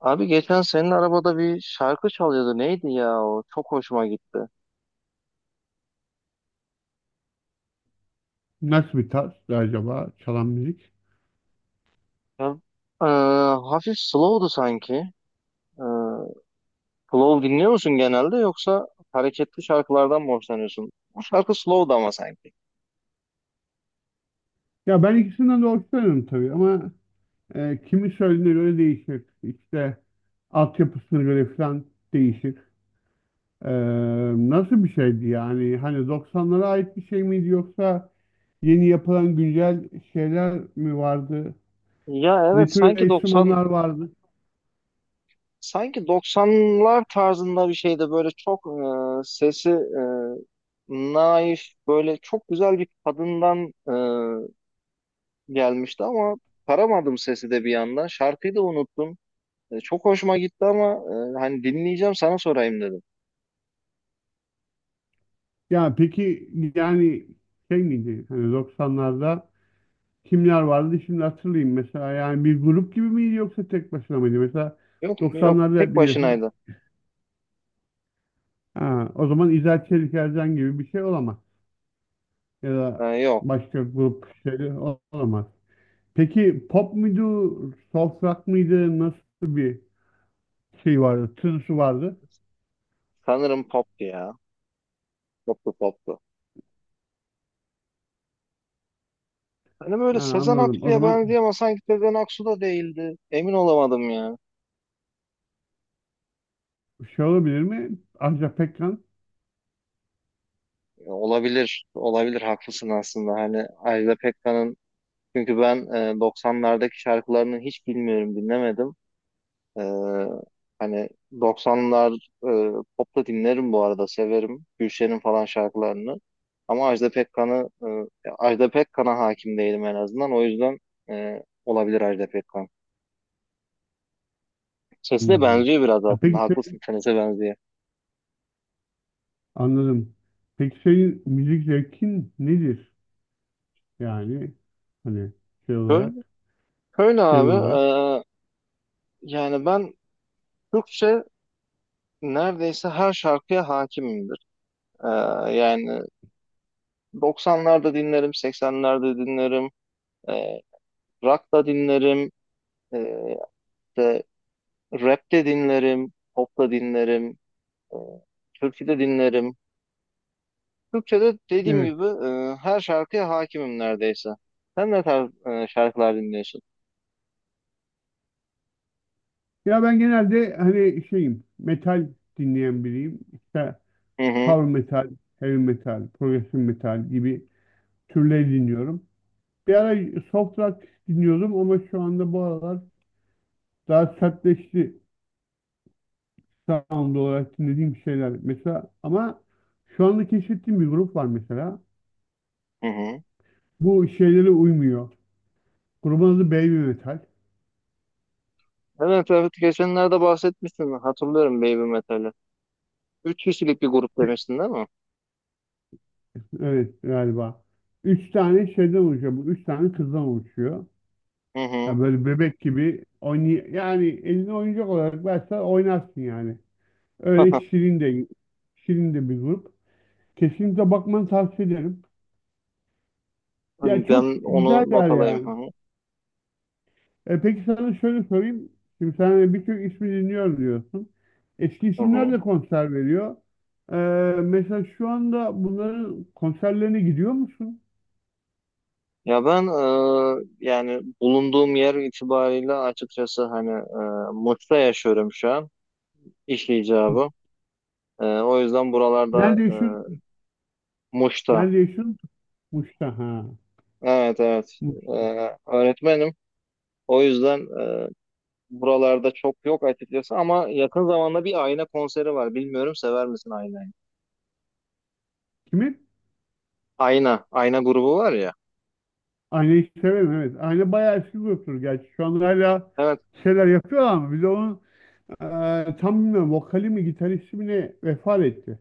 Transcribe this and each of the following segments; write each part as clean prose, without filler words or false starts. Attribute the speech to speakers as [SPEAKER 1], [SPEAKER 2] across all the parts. [SPEAKER 1] Abi geçen senin arabada bir şarkı çalıyordu. Neydi ya o? Çok hoşuma gitti.
[SPEAKER 2] Nasıl bir tarz acaba çalan müzik?
[SPEAKER 1] Ya, e, hafif slow'du sanki. E, Slow dinliyor musun genelde, yoksa hareketli şarkılardan mı hoşlanıyorsun? Bu şarkı slow'du ama sanki.
[SPEAKER 2] Ya ben ikisinden de hoşlanıyorum tabii ama kimi söylediğine göre değişir. İşte altyapısına göre falan değişir. E, Nasıl bir şeydi yani? Hani 90'lara ait bir şey miydi yoksa yeni yapılan güncel şeyler mi vardı?
[SPEAKER 1] Ya
[SPEAKER 2] Ne
[SPEAKER 1] evet,
[SPEAKER 2] tür enstrümanlar vardı?
[SPEAKER 1] sanki 90'lar tarzında bir şeydi. Böyle çok sesi naif, böyle çok güzel bir kadından gelmişti ama paramadım sesi de bir yandan. Şarkıyı da unuttum. Çok hoşuma gitti ama hani dinleyeceğim, sana sorayım dedim.
[SPEAKER 2] Ya peki yani şey miydi? Hani 90'larda kimler vardı şimdi hatırlayayım mesela yani bir grup gibi miydi yoksa tek başına mıydı? Mesela
[SPEAKER 1] Yok, yok.
[SPEAKER 2] 90'larda
[SPEAKER 1] Tek
[SPEAKER 2] biliyorsun
[SPEAKER 1] başınaydı.
[SPEAKER 2] ha, o zaman İzel Çelik Ercan gibi bir şey olamaz ya da
[SPEAKER 1] Yok.
[SPEAKER 2] başka grup şeyleri olamaz. Peki pop muydu, soft rock mıydı, nasıl bir şey vardı, tınısı vardı?
[SPEAKER 1] Sanırım poptu ya. Poptu, poptu. Hani
[SPEAKER 2] Ha,
[SPEAKER 1] böyle Sezen
[SPEAKER 2] anladım. O
[SPEAKER 1] Aksu'ya
[SPEAKER 2] zaman
[SPEAKER 1] benziyor ama sanki Sezen Aksu da değildi. Emin olamadım ya.
[SPEAKER 2] şey olabilir mi? Ajda Pekkan.
[SPEAKER 1] Olabilir. Olabilir. Haklısın aslında. Hani Ajda Pekkan'ın, çünkü ben 90'lardaki şarkılarını hiç bilmiyorum, dinlemedim. Ee, Hani 90'lar, e, pop da dinlerim bu arada, severim. Gülşen'in falan şarkılarını. Ama Ajda Pekkan'a hakim değilim en azından. O yüzden olabilir Ajda Pekkan. Sesi de
[SPEAKER 2] Hmm.
[SPEAKER 1] benziyor biraz
[SPEAKER 2] E,
[SPEAKER 1] aslında.
[SPEAKER 2] peki sen-
[SPEAKER 1] Haklısın, senese benziyor.
[SPEAKER 2] anladım. Peki senin müzik zevkin nedir? Yani hani şey
[SPEAKER 1] Böyle,
[SPEAKER 2] olarak.
[SPEAKER 1] böyle
[SPEAKER 2] Genel
[SPEAKER 1] abi,
[SPEAKER 2] olarak.
[SPEAKER 1] e, yani ben Türkçe neredeyse her şarkıya hakimimdir. E, Yani 90'larda dinlerim, 80'lerde dinlerim, e, rock da dinlerim, e, rap de dinlerim, pop da dinlerim, e, türkü de dinlerim. Türkçe'de dediğim
[SPEAKER 2] Evet.
[SPEAKER 1] gibi, her şarkıya hakimim neredeyse. Sen ne tarz şarkılar dinliyorsun?
[SPEAKER 2] Ya ben genelde hani şeyim, metal dinleyen biriyim. İşte
[SPEAKER 1] Hı hı,
[SPEAKER 2] power metal, heavy metal, progressive metal gibi türleri dinliyorum. Bir ara soft rock dinliyordum ama şu anda bu aralar daha sertleşti sound olarak dinlediğim şeyler. Mesela ama şu anda keşfettiğim bir grup var mesela.
[SPEAKER 1] hı hı.
[SPEAKER 2] Bu şeylere uymuyor. Grubun adı Baby Metal.
[SPEAKER 1] Evet, evet, geçenlerde bahsetmiştin. Hatırlıyorum Baby Metal'i. Üç kişilik bir grup demiştin, değil mi?
[SPEAKER 2] Evet galiba. Üç tane şeyden oluşuyor. Bu üç tane kızdan oluşuyor.
[SPEAKER 1] Hı
[SPEAKER 2] Ya
[SPEAKER 1] hı.
[SPEAKER 2] böyle bebek gibi oynay yani eline oyuncak olarak versen oynarsın yani. Öyle şirin de bir grup. Kesinlikle bakmanı tavsiye ederim. Ya çok
[SPEAKER 1] Ben onu not
[SPEAKER 2] güzeller
[SPEAKER 1] alayım. Hı
[SPEAKER 2] yani.
[SPEAKER 1] hı.
[SPEAKER 2] E peki sana şöyle sorayım. Şimdi sen de birçok ismi dinliyorum diyorsun. Eski
[SPEAKER 1] Hı
[SPEAKER 2] isimler
[SPEAKER 1] hı.
[SPEAKER 2] de konser veriyor. E, Mesela şu anda bunların konserlerine gidiyor musun?
[SPEAKER 1] Ya ben, yani bulunduğum yer itibariyle açıkçası, hani, Muş'ta yaşıyorum şu an. İş icabı. O yüzden buralarda...
[SPEAKER 2] Nerede yaşıyorsun?
[SPEAKER 1] Muş'ta.
[SPEAKER 2] Nerede yaşıyorsun? Muş'ta ha.
[SPEAKER 1] Evet, evet.
[SPEAKER 2] Muş.
[SPEAKER 1] Öğretmenim. O yüzden e, buralarda çok yok açıkçası, ama yakın zamanda bir Ayna konseri var. Bilmiyorum, sever misin Ayna'yı?
[SPEAKER 2] Kimin?
[SPEAKER 1] Ayna. Ayna grubu var ya.
[SPEAKER 2] Aynayı severim, evet. Ayna bayağı eski gruptur gerçi. Şu anda hala
[SPEAKER 1] Evet.
[SPEAKER 2] bir şeyler yapıyorlar ama bir de onun tam bilmiyorum vokali mi gitaristi mi ne vefat etti.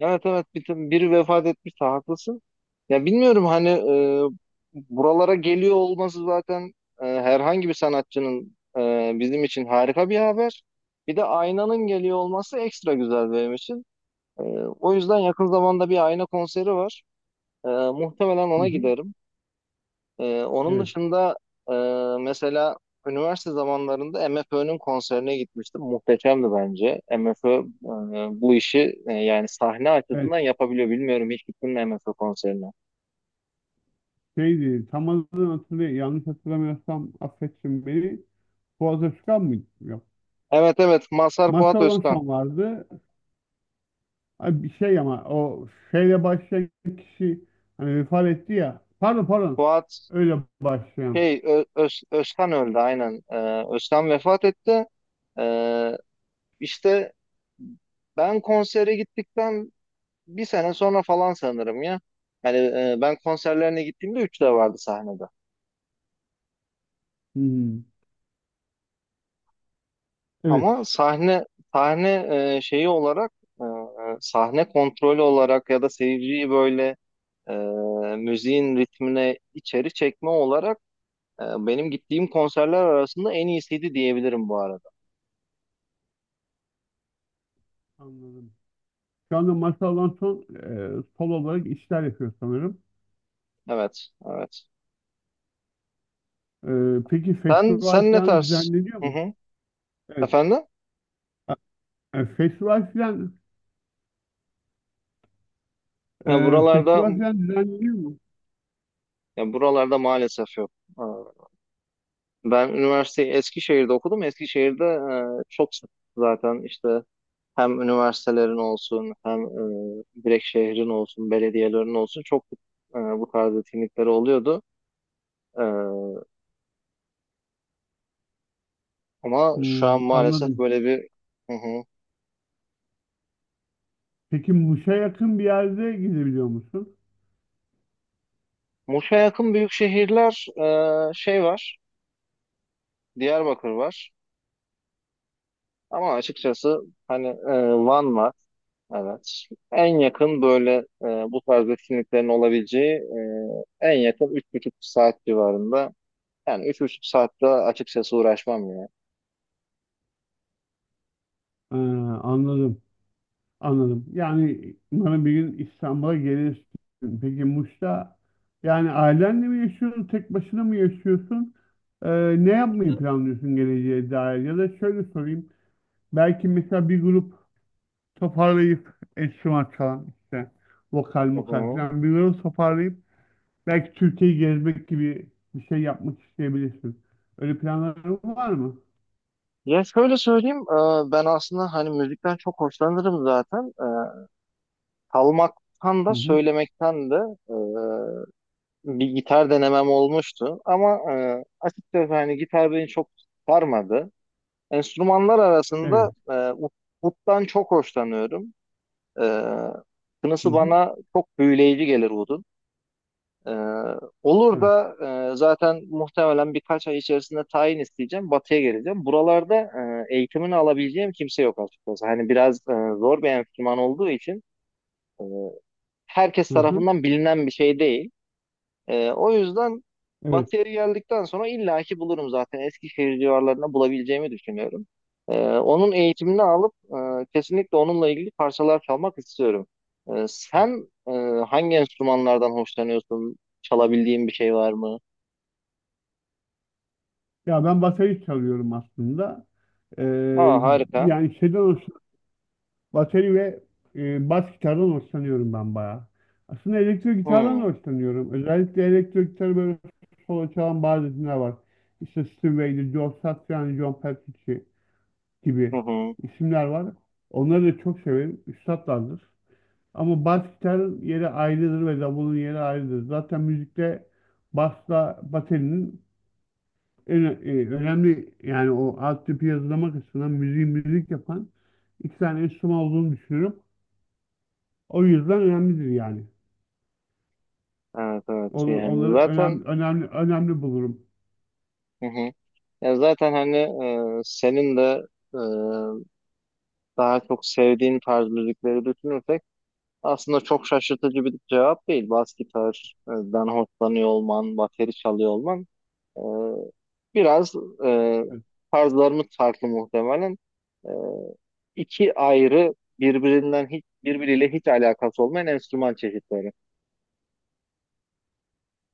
[SPEAKER 1] Evet, evet. Biri vefat etmişti. Haklısın. Ya bilmiyorum, hani buralara geliyor olması zaten, herhangi bir sanatçının bizim için harika bir haber. Bir de Ayna'nın geliyor olması ekstra güzel benim için. Ee, O yüzden yakın zamanda bir ayna konseri var. Muhtemelen
[SPEAKER 2] Hı
[SPEAKER 1] ona
[SPEAKER 2] hı.
[SPEAKER 1] giderim. Onun
[SPEAKER 2] Evet.
[SPEAKER 1] dışında e, mesela üniversite zamanlarında MFÖ'nün konserine gitmiştim. Muhteşemdi bence. MFÖ bu işi, yani sahne
[SPEAKER 2] Evet
[SPEAKER 1] açısından yapabiliyor. Bilmiyorum, hiç gittin mi MFÖ konserine?
[SPEAKER 2] şeydi, tam adını hatırlayayım. Yanlış hatırlamıyorsam affetsin beni. Fuat Özkan mıydı? Yok.
[SPEAKER 1] Evet, evet. Mazhar Fuat
[SPEAKER 2] Mazhar
[SPEAKER 1] Özkan.
[SPEAKER 2] son vardı. Ay, bir şey ama o şeyle başlayan kişi hani vefat etti ya. Pardon.
[SPEAKER 1] Fuat
[SPEAKER 2] Öyle başlayan.
[SPEAKER 1] şey Ö- Öz- Özkan öldü aynen. Özkan vefat etti. Ee, işte ben konsere gittikten bir sene sonra falan, sanırım ya. Yani ben konserlerine gittiğimde üç de vardı sahnede.
[SPEAKER 2] Hı hı. Evet.
[SPEAKER 1] Ama sahne şeyi olarak, sahne kontrolü olarak, ya da seyirciyi böyle e, müziğin ritmine içeri çekme olarak, benim gittiğim konserler arasında en iyisiydi diyebilirim bu arada.
[SPEAKER 2] Anladım. Şu anda Masal'dan son solo olarak işler yapıyor sanırım.
[SPEAKER 1] Evet, evet.
[SPEAKER 2] E, peki
[SPEAKER 1] Sen
[SPEAKER 2] festival
[SPEAKER 1] sen ne
[SPEAKER 2] falan
[SPEAKER 1] tarz?
[SPEAKER 2] düzenleniyor
[SPEAKER 1] Hı
[SPEAKER 2] mu?
[SPEAKER 1] hı.
[SPEAKER 2] Evet.
[SPEAKER 1] Efendim?
[SPEAKER 2] A- e, festival falan
[SPEAKER 1] Ya buralarda
[SPEAKER 2] festival falan düzenleniyor mu?
[SPEAKER 1] Ya buralarda maalesef yok. Ben üniversiteyi Eskişehir'de okudum. Eskişehir'de çok sık zaten, işte hem üniversitelerin olsun, hem direkt şehrin olsun, belediyelerin olsun çok bu tarz etkinlikleri oluyordu. E, Ama şu an
[SPEAKER 2] Hmm,
[SPEAKER 1] maalesef
[SPEAKER 2] anladım.
[SPEAKER 1] böyle bir... Hı hı.
[SPEAKER 2] Peki Muş'a yakın bir yerde gidebiliyor musun?
[SPEAKER 1] Muş'a yakın büyük şehirler şey var, Diyarbakır var. Ama açıkçası hani, Van var. Evet. En yakın böyle, e, bu tarz etkinliklerin olabileceği en yakın 3,5 saat civarında. Yani 3,5 saatte açıkçası uğraşmam ya.
[SPEAKER 2] E, Anladım. Anladım. Yani umarım bir gün İstanbul'a gelirsin. Peki Muş'ta yani ailenle mi yaşıyorsun? Tek başına mı yaşıyorsun? E, Ne yapmayı planlıyorsun geleceğe dair? Ya da şöyle sorayım. Belki mesela bir grup toparlayıp enstrüman çalan işte vokal
[SPEAKER 1] Hı
[SPEAKER 2] mokal
[SPEAKER 1] hı.
[SPEAKER 2] falan bir grup toparlayıp belki Türkiye'yi gezmek gibi bir şey yapmak isteyebilirsin. Öyle planların var mı?
[SPEAKER 1] Ya şöyle söyleyeyim, ben aslında hani müzikten çok hoşlanırım zaten. Çalmaktan
[SPEAKER 2] Hı
[SPEAKER 1] da
[SPEAKER 2] hı.
[SPEAKER 1] söylemekten de e, bir gitar denemem olmuştu. Ama açıkçası hani gitar beni çok sarmadı. Enstrümanlar arasında
[SPEAKER 2] Evet.
[SPEAKER 1] uttan çok hoşlanıyorum. Ee,
[SPEAKER 2] Hı
[SPEAKER 1] Kınısı
[SPEAKER 2] hı.
[SPEAKER 1] bana çok büyüleyici gelir Wood'un. Ee, olur
[SPEAKER 2] Evet.
[SPEAKER 1] da zaten muhtemelen birkaç ay içerisinde tayin isteyeceğim. Batı'ya geleceğim. Buralarda eğitimini alabileceğim kimse yok açıkçası. Hani biraz zor bir enstrüman olduğu için e, herkes
[SPEAKER 2] Hı hı.
[SPEAKER 1] tarafından bilinen bir şey değil. O yüzden
[SPEAKER 2] Evet.
[SPEAKER 1] Batı'ya geldikten sonra illaki bulurum zaten. Eskişehir civarlarında bulabileceğimi düşünüyorum. Onun eğitimini alıp kesinlikle onunla ilgili parçalar çalmak istiyorum. Sen hangi enstrümanlardan hoşlanıyorsun? Çalabildiğin bir şey var mı?
[SPEAKER 2] Ya ben bateri çalıyorum aslında. Ee,
[SPEAKER 1] Aa, harika.
[SPEAKER 2] yani şeyden hoşlanıyorum. Bateri ve bas gitardan hoşlanıyorum ben bayağı. Aslında elektro gitardan da
[SPEAKER 1] Hmm.
[SPEAKER 2] hoşlanıyorum. Özellikle elektro gitarı böyle solo çalan bazı isimler var. İşte Steve Vai, Joe Satriani, John Petrucci
[SPEAKER 1] Hı
[SPEAKER 2] gibi
[SPEAKER 1] hı.
[SPEAKER 2] isimler var. Onları da çok severim. Üstatlardır. Ama bas gitarın yeri ayrıdır ve davulun yeri ayrıdır. Zaten müzikte basla baterinin önemli yani o alt tipi yazılama kısmından müziği müzik yapan iki tane enstrüman olduğunu düşünüyorum. O yüzden önemlidir yani.
[SPEAKER 1] Evet, evet. Şey, yani
[SPEAKER 2] Onları
[SPEAKER 1] zaten...
[SPEAKER 2] önemli bulurum.
[SPEAKER 1] Hı hı. Ya zaten hani senin de e, daha çok sevdiğin tarz müzikleri düşünürsek, aslında çok şaşırtıcı bir cevap değil. Bas gitardan hoşlanıyor olman, bateri çalıyor olman, e, biraz e, tarzlarımız farklı muhtemelen. E, iki ayrı, birbirinden hiç, birbiriyle hiç alakası olmayan enstrüman çeşitleri.